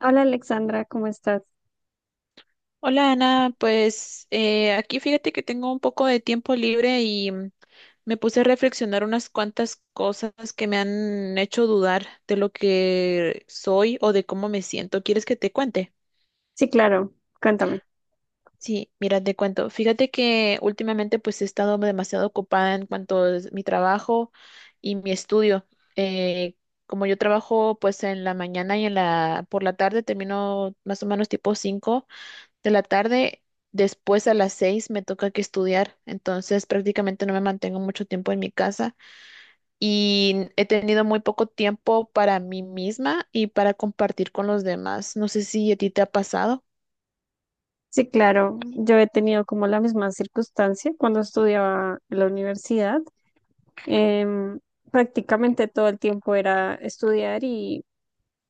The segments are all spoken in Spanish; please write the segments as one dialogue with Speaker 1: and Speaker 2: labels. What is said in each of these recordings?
Speaker 1: Hola Alexandra, ¿cómo estás?
Speaker 2: Hola Ana, pues aquí fíjate que tengo un poco de tiempo libre y me puse a reflexionar unas cuantas cosas que me han hecho dudar de lo que soy o de cómo me siento. ¿Quieres que te cuente?
Speaker 1: Sí, claro, cuéntame.
Speaker 2: Sí, mira, te cuento. Fíjate que últimamente pues he estado demasiado ocupada en cuanto a mi trabajo y mi estudio. Eh, Como yo trabajo pues en la mañana y en la por la tarde termino más o menos tipo 5. De la tarde, después a las seis me toca que estudiar, entonces prácticamente no me mantengo mucho tiempo en mi casa y he tenido muy poco tiempo para mí misma y para compartir con los demás. No sé si a ti te ha pasado.
Speaker 1: Sí, claro, yo he tenido como la misma circunstancia cuando estudiaba en la universidad. Em, Prácticamente todo el tiempo era estudiar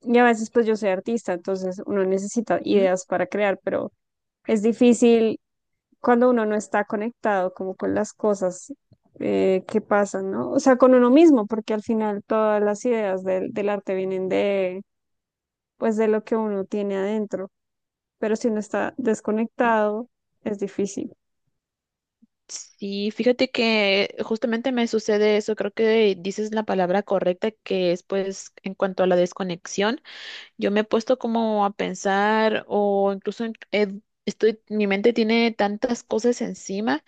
Speaker 1: y a veces pues yo soy artista, entonces uno necesita
Speaker 2: Ujú.
Speaker 1: ideas para crear, pero es difícil cuando uno no está conectado como con las cosas que pasan, ¿no? O sea, con uno mismo, porque al final todas las ideas del arte vienen de, pues de lo que uno tiene adentro. Pero si uno está desconectado, es difícil.
Speaker 2: Sí, fíjate que justamente me sucede eso, creo que dices la palabra correcta, que es pues en cuanto a la desconexión, yo me he puesto como a pensar o estoy, mi mente tiene tantas cosas encima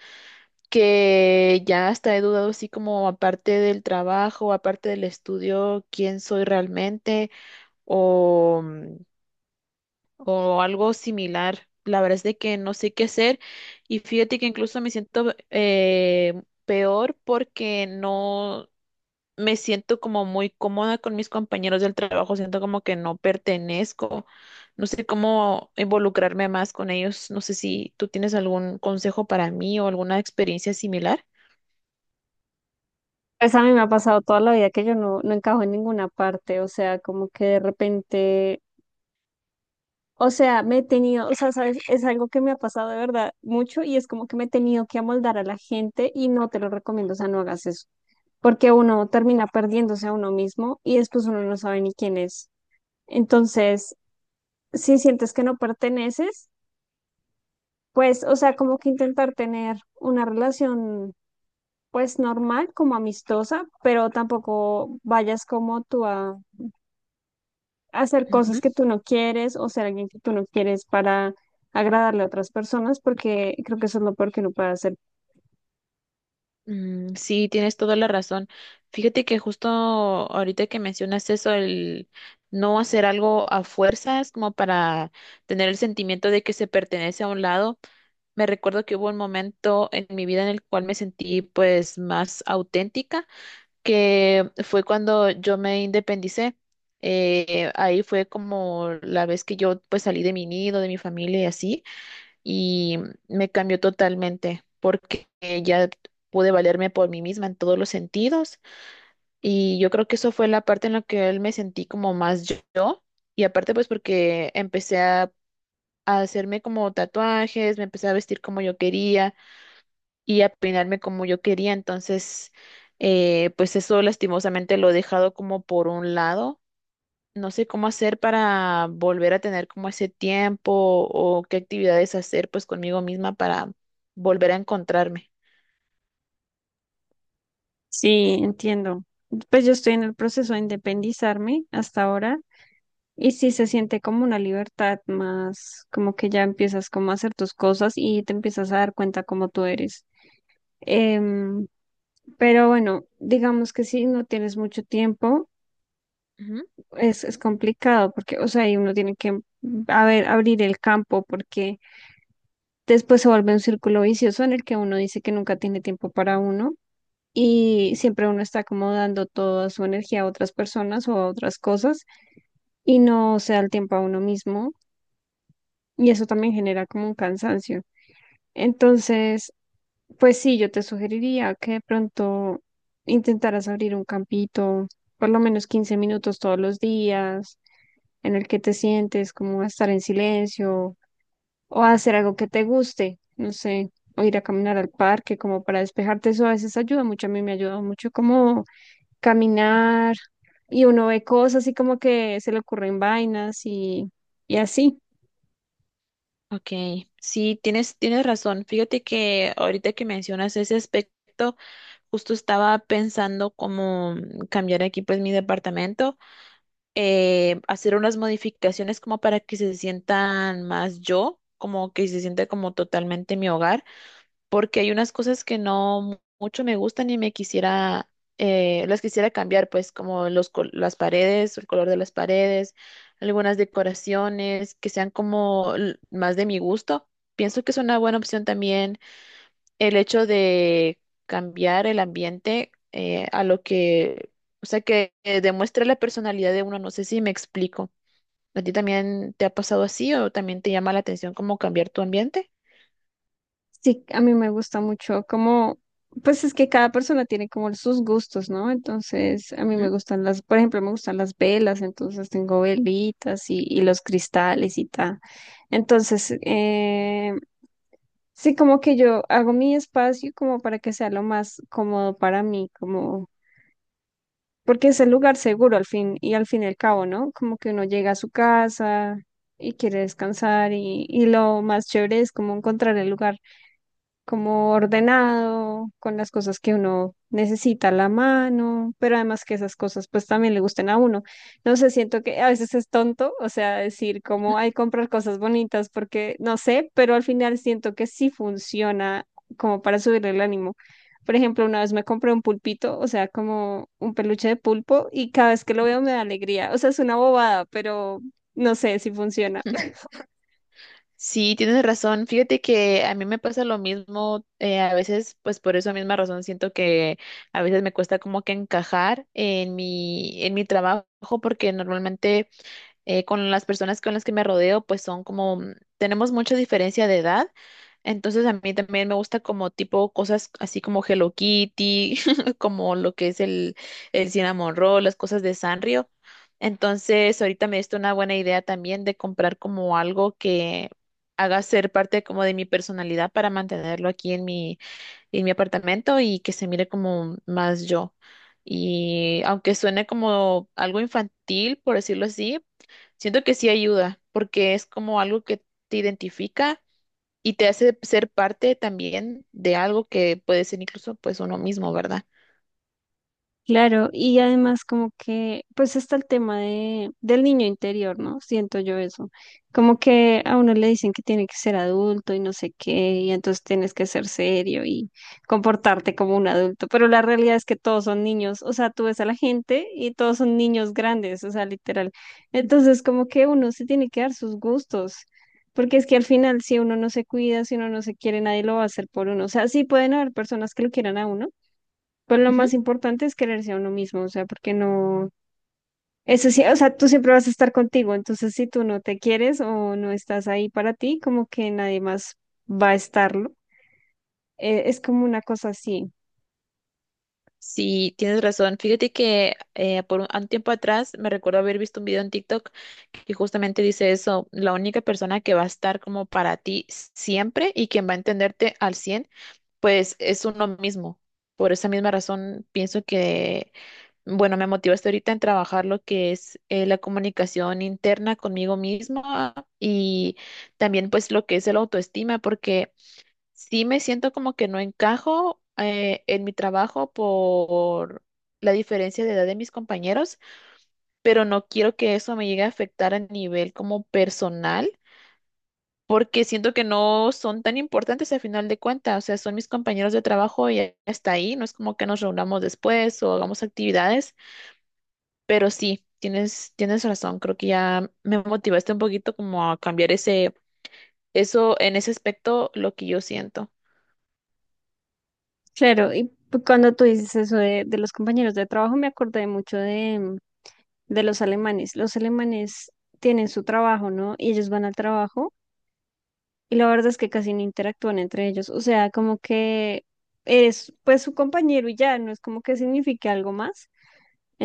Speaker 2: que ya hasta he dudado así como aparte del trabajo, aparte del estudio, quién soy realmente o, mm, o algo similar. La verdad es de que no sé qué hacer y fíjate que incluso me siento peor porque no me siento como muy cómoda con mis compañeros del trabajo, siento como que no pertenezco, no sé cómo involucrarme más con ellos, no sé si tú tienes algún consejo para mí o alguna experiencia similar.
Speaker 1: Pues a mí me ha pasado toda la vida que yo no encajo en ninguna parte, o sea, como que de repente, o sea, me he tenido, o sea, sabes, es algo que me ha pasado de verdad mucho y es como que me he tenido que amoldar a la gente y no te lo recomiendo, o sea, no hagas eso, porque uno termina perdiéndose a uno mismo y después uno no sabe ni quién es. Entonces, si sientes que no perteneces, pues, o sea, como que intentar tener una relación pues normal, como amistosa, pero tampoco vayas como tú a hacer cosas que tú no quieres o ser alguien que tú no quieres para agradarle a otras personas, porque creo que eso es lo peor que uno puede hacer.
Speaker 2: Mm, sí, tienes toda la razón. Fíjate que justo ahorita que mencionas eso, el no hacer algo a fuerzas, como para tener el sentimiento de que se pertenece a un lado, me recuerdo que hubo un momento en mi vida en el cual me sentí pues más auténtica, que fue cuando yo me independicé. Ahí fue como la vez que yo pues salí de mi nido, de mi familia y así y me cambió totalmente porque ya pude valerme por mí misma en todos los sentidos y yo creo que eso fue la parte en la que él me sentí como más yo y aparte pues porque a hacerme como tatuajes, me empecé a vestir como yo quería y a peinarme como yo quería, entonces pues eso lastimosamente lo he dejado como por un lado, no sé cómo hacer para volver a tener como ese tiempo o qué actividades hacer pues conmigo misma para volver a encontrarme.
Speaker 1: Sí, entiendo. Pues yo estoy en el proceso de independizarme hasta ahora y sí se siente como una libertad más, como que ya empiezas como a hacer tus cosas y te empiezas a dar cuenta cómo tú eres. Em, pero bueno, digamos que si no tienes mucho tiempo
Speaker 2: Ujú.
Speaker 1: es complicado porque, o sea, y uno tiene que a ver, abrir el campo porque después se vuelve un círculo vicioso en el que uno dice que nunca tiene tiempo para uno y siempre uno está como dando toda su energía a otras personas o a otras cosas y no se da el tiempo a uno mismo y eso también genera como un cansancio. Entonces, pues sí, yo te sugeriría que de pronto intentaras abrir un campito, por lo menos 15 minutos todos los días en el que te sientes, como a estar en silencio o a hacer algo que te guste, no sé, o ir a caminar al parque como para despejarte, eso a veces ayuda mucho, a mí me ayuda mucho como caminar y uno ve cosas y como que se le ocurren vainas y así.
Speaker 2: Ok, sí, tienes razón. Fíjate que ahorita que mencionas ese aspecto, justo estaba pensando cómo cambiar aquí pues mi departamento, hacer unas modificaciones como para que se sientan más yo, como que se sienta como totalmente mi hogar. Porque hay unas cosas que no mu- mucho me gustan y me quisiera, las quisiera cambiar, pues como las paredes, el color de las paredes, algunas decoraciones que sean como más de mi gusto. Pienso que es una buena opción también el hecho de cambiar el ambiente a lo que, o sea, que demuestre la personalidad de uno. No sé si me explico. ¿A ti también te ha pasado así o también te llama la atención cómo cambiar tu ambiente?
Speaker 1: Sí, a mí me gusta mucho como, pues es que cada persona tiene como sus gustos, ¿no? Entonces, a mí
Speaker 2: ¿Mm?
Speaker 1: me gustan las, por ejemplo, me gustan las velas, entonces tengo velitas y los cristales y tal. Entonces, sí, como que yo hago mi espacio como para que sea lo más cómodo para mí, como, porque es el lugar seguro al fin y al cabo, ¿no? Como que uno llega a su casa y quiere descansar y lo más chévere es como encontrar el lugar como ordenado, con las cosas que uno necesita a la mano, pero además que esas cosas pues también le gusten a uno. No sé, siento que a veces es tonto, o sea, decir como hay comprar cosas bonitas porque no sé, pero al final siento que sí funciona como para subirle el ánimo. Por ejemplo, una vez me compré un pulpito, o sea, como un peluche de pulpo, y cada vez que lo veo me da alegría. O sea, es una bobada, pero no sé si funciona.
Speaker 2: Sí, tienes razón. Fíjate que a mí me pasa lo mismo. A veces, pues por esa misma razón, siento que a veces me cuesta como que encajar en en mi trabajo, porque normalmente con las personas con las que me rodeo, pues son como, tenemos mucha diferencia de edad, entonces a mí también me gusta como tipo cosas así como Hello Kitty, como lo que es el Cinnamon Roll, las cosas de Sanrio. Entonces ahorita me diste una buena idea también de comprar como algo que haga ser parte como de mi personalidad para mantenerlo aquí en en mi apartamento y que se mire como más yo. Y aunque suene como algo infantil, por decirlo así, siento que sí ayuda, porque es como algo que te identifica y te hace ser parte también de algo que puede ser incluso pues uno mismo, ¿verdad?
Speaker 1: Claro, y además como que, pues está el tema del niño interior, ¿no? Siento yo eso. Como que a uno le dicen que tiene que ser adulto y no sé qué, y entonces tienes que ser serio y comportarte como un adulto, pero la realidad es que todos son niños, o sea, tú ves a la gente y todos son niños grandes, o sea, literal. Entonces como que uno se tiene que dar sus gustos. Porque es que al final, si uno no se cuida, si uno no se quiere, nadie lo va a hacer por uno. O sea, sí pueden haber personas que lo quieran a uno, pues lo
Speaker 2: Ujú.
Speaker 1: más importante es quererse a uno mismo, o sea, porque no, eso sí, o sea, tú siempre vas a estar contigo, entonces si tú no te quieres o no estás ahí para ti, como que nadie más va a estarlo. Es como una cosa así.
Speaker 2: Sí, tienes razón. Fíjate que por un tiempo atrás me recuerdo haber visto un video en TikTok que justamente dice eso, la única persona que va a estar como para ti siempre y quien va a entenderte al 100 pues es uno mismo. Por esa misma razón, pienso que, bueno, me motivaste ahorita en trabajar lo que es la comunicación interna conmigo misma y también pues lo que es el autoestima, porque sí me siento como que no encajo en mi trabajo por la diferencia de edad de mis compañeros, pero no quiero que eso me llegue a afectar a nivel como personal porque siento que no son tan importantes al final de cuentas, o sea, son mis compañeros de trabajo y ya está ahí, no es como que nos reunamos después o hagamos actividades, pero sí, tienes razón, creo que ya me motivaste un poquito como a cambiar eso en ese aspecto, lo que yo siento.
Speaker 1: Claro, y cuando tú dices eso de los compañeros de trabajo, me acordé mucho de, mm, de los alemanes. Los alemanes tienen su trabajo, ¿no? Y ellos van al trabajo y la verdad es que casi no interactúan entre ellos, o sea, como que eres pues su compañero y ya, no es como que signifique algo más.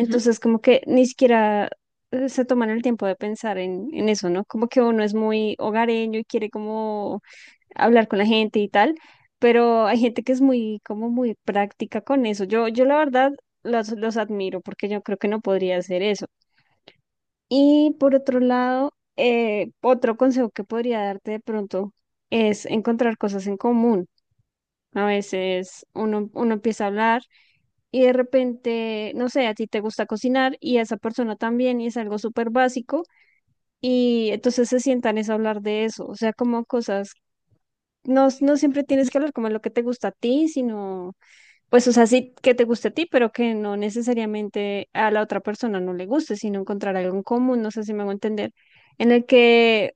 Speaker 2: Ujú.
Speaker 1: como que ni siquiera se toman el tiempo de pensar en eso, ¿no? Como que uno es muy hogareño y quiere como hablar con la gente y tal, pero hay gente que es muy, como muy práctica con eso. Yo la verdad los admiro porque yo creo que no podría hacer eso. Y por otro lado, otro consejo que podría darte de pronto es encontrar cosas en común. A veces uno empieza a hablar y de repente, no sé, a ti te gusta cocinar y a esa persona también y es algo súper básico y entonces se sientan es a hablar de eso, o sea, como cosas, no siempre tienes que hablar como lo que te gusta a ti, sino, pues, o sea, sí que te guste a ti, pero que no necesariamente a la otra persona no le guste, sino encontrar algo en común, no sé si me hago entender, en el que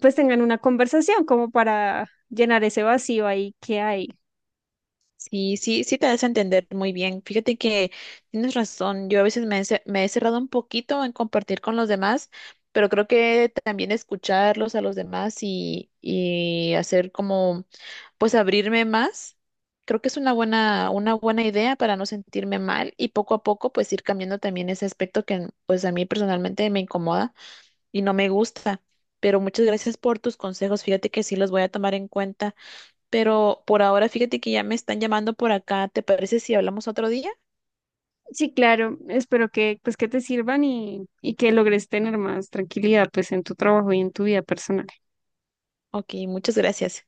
Speaker 1: pues tengan una conversación como para llenar ese vacío ahí que hay.
Speaker 2: Sí, sí te das a entender muy bien. Fíjate que tienes razón. Yo a veces me he cerrado un poquito en compartir con los demás, pero creo que también escucharlos a los demás y hacer como, pues abrirme más. Creo que es una una buena idea para no sentirme mal y poco a poco pues ir cambiando también ese aspecto que pues a mí personalmente me incomoda y no me gusta. Pero muchas gracias por tus consejos. Fíjate que sí los voy a tomar en cuenta. Pero por ahora, fíjate que ya me están llamando por acá. ¿Te parece si hablamos otro día?
Speaker 1: Sí, claro, espero que pues que te sirvan y que logres tener más tranquilidad pues en tu trabajo y en tu vida personal.
Speaker 2: Ok, muchas gracias.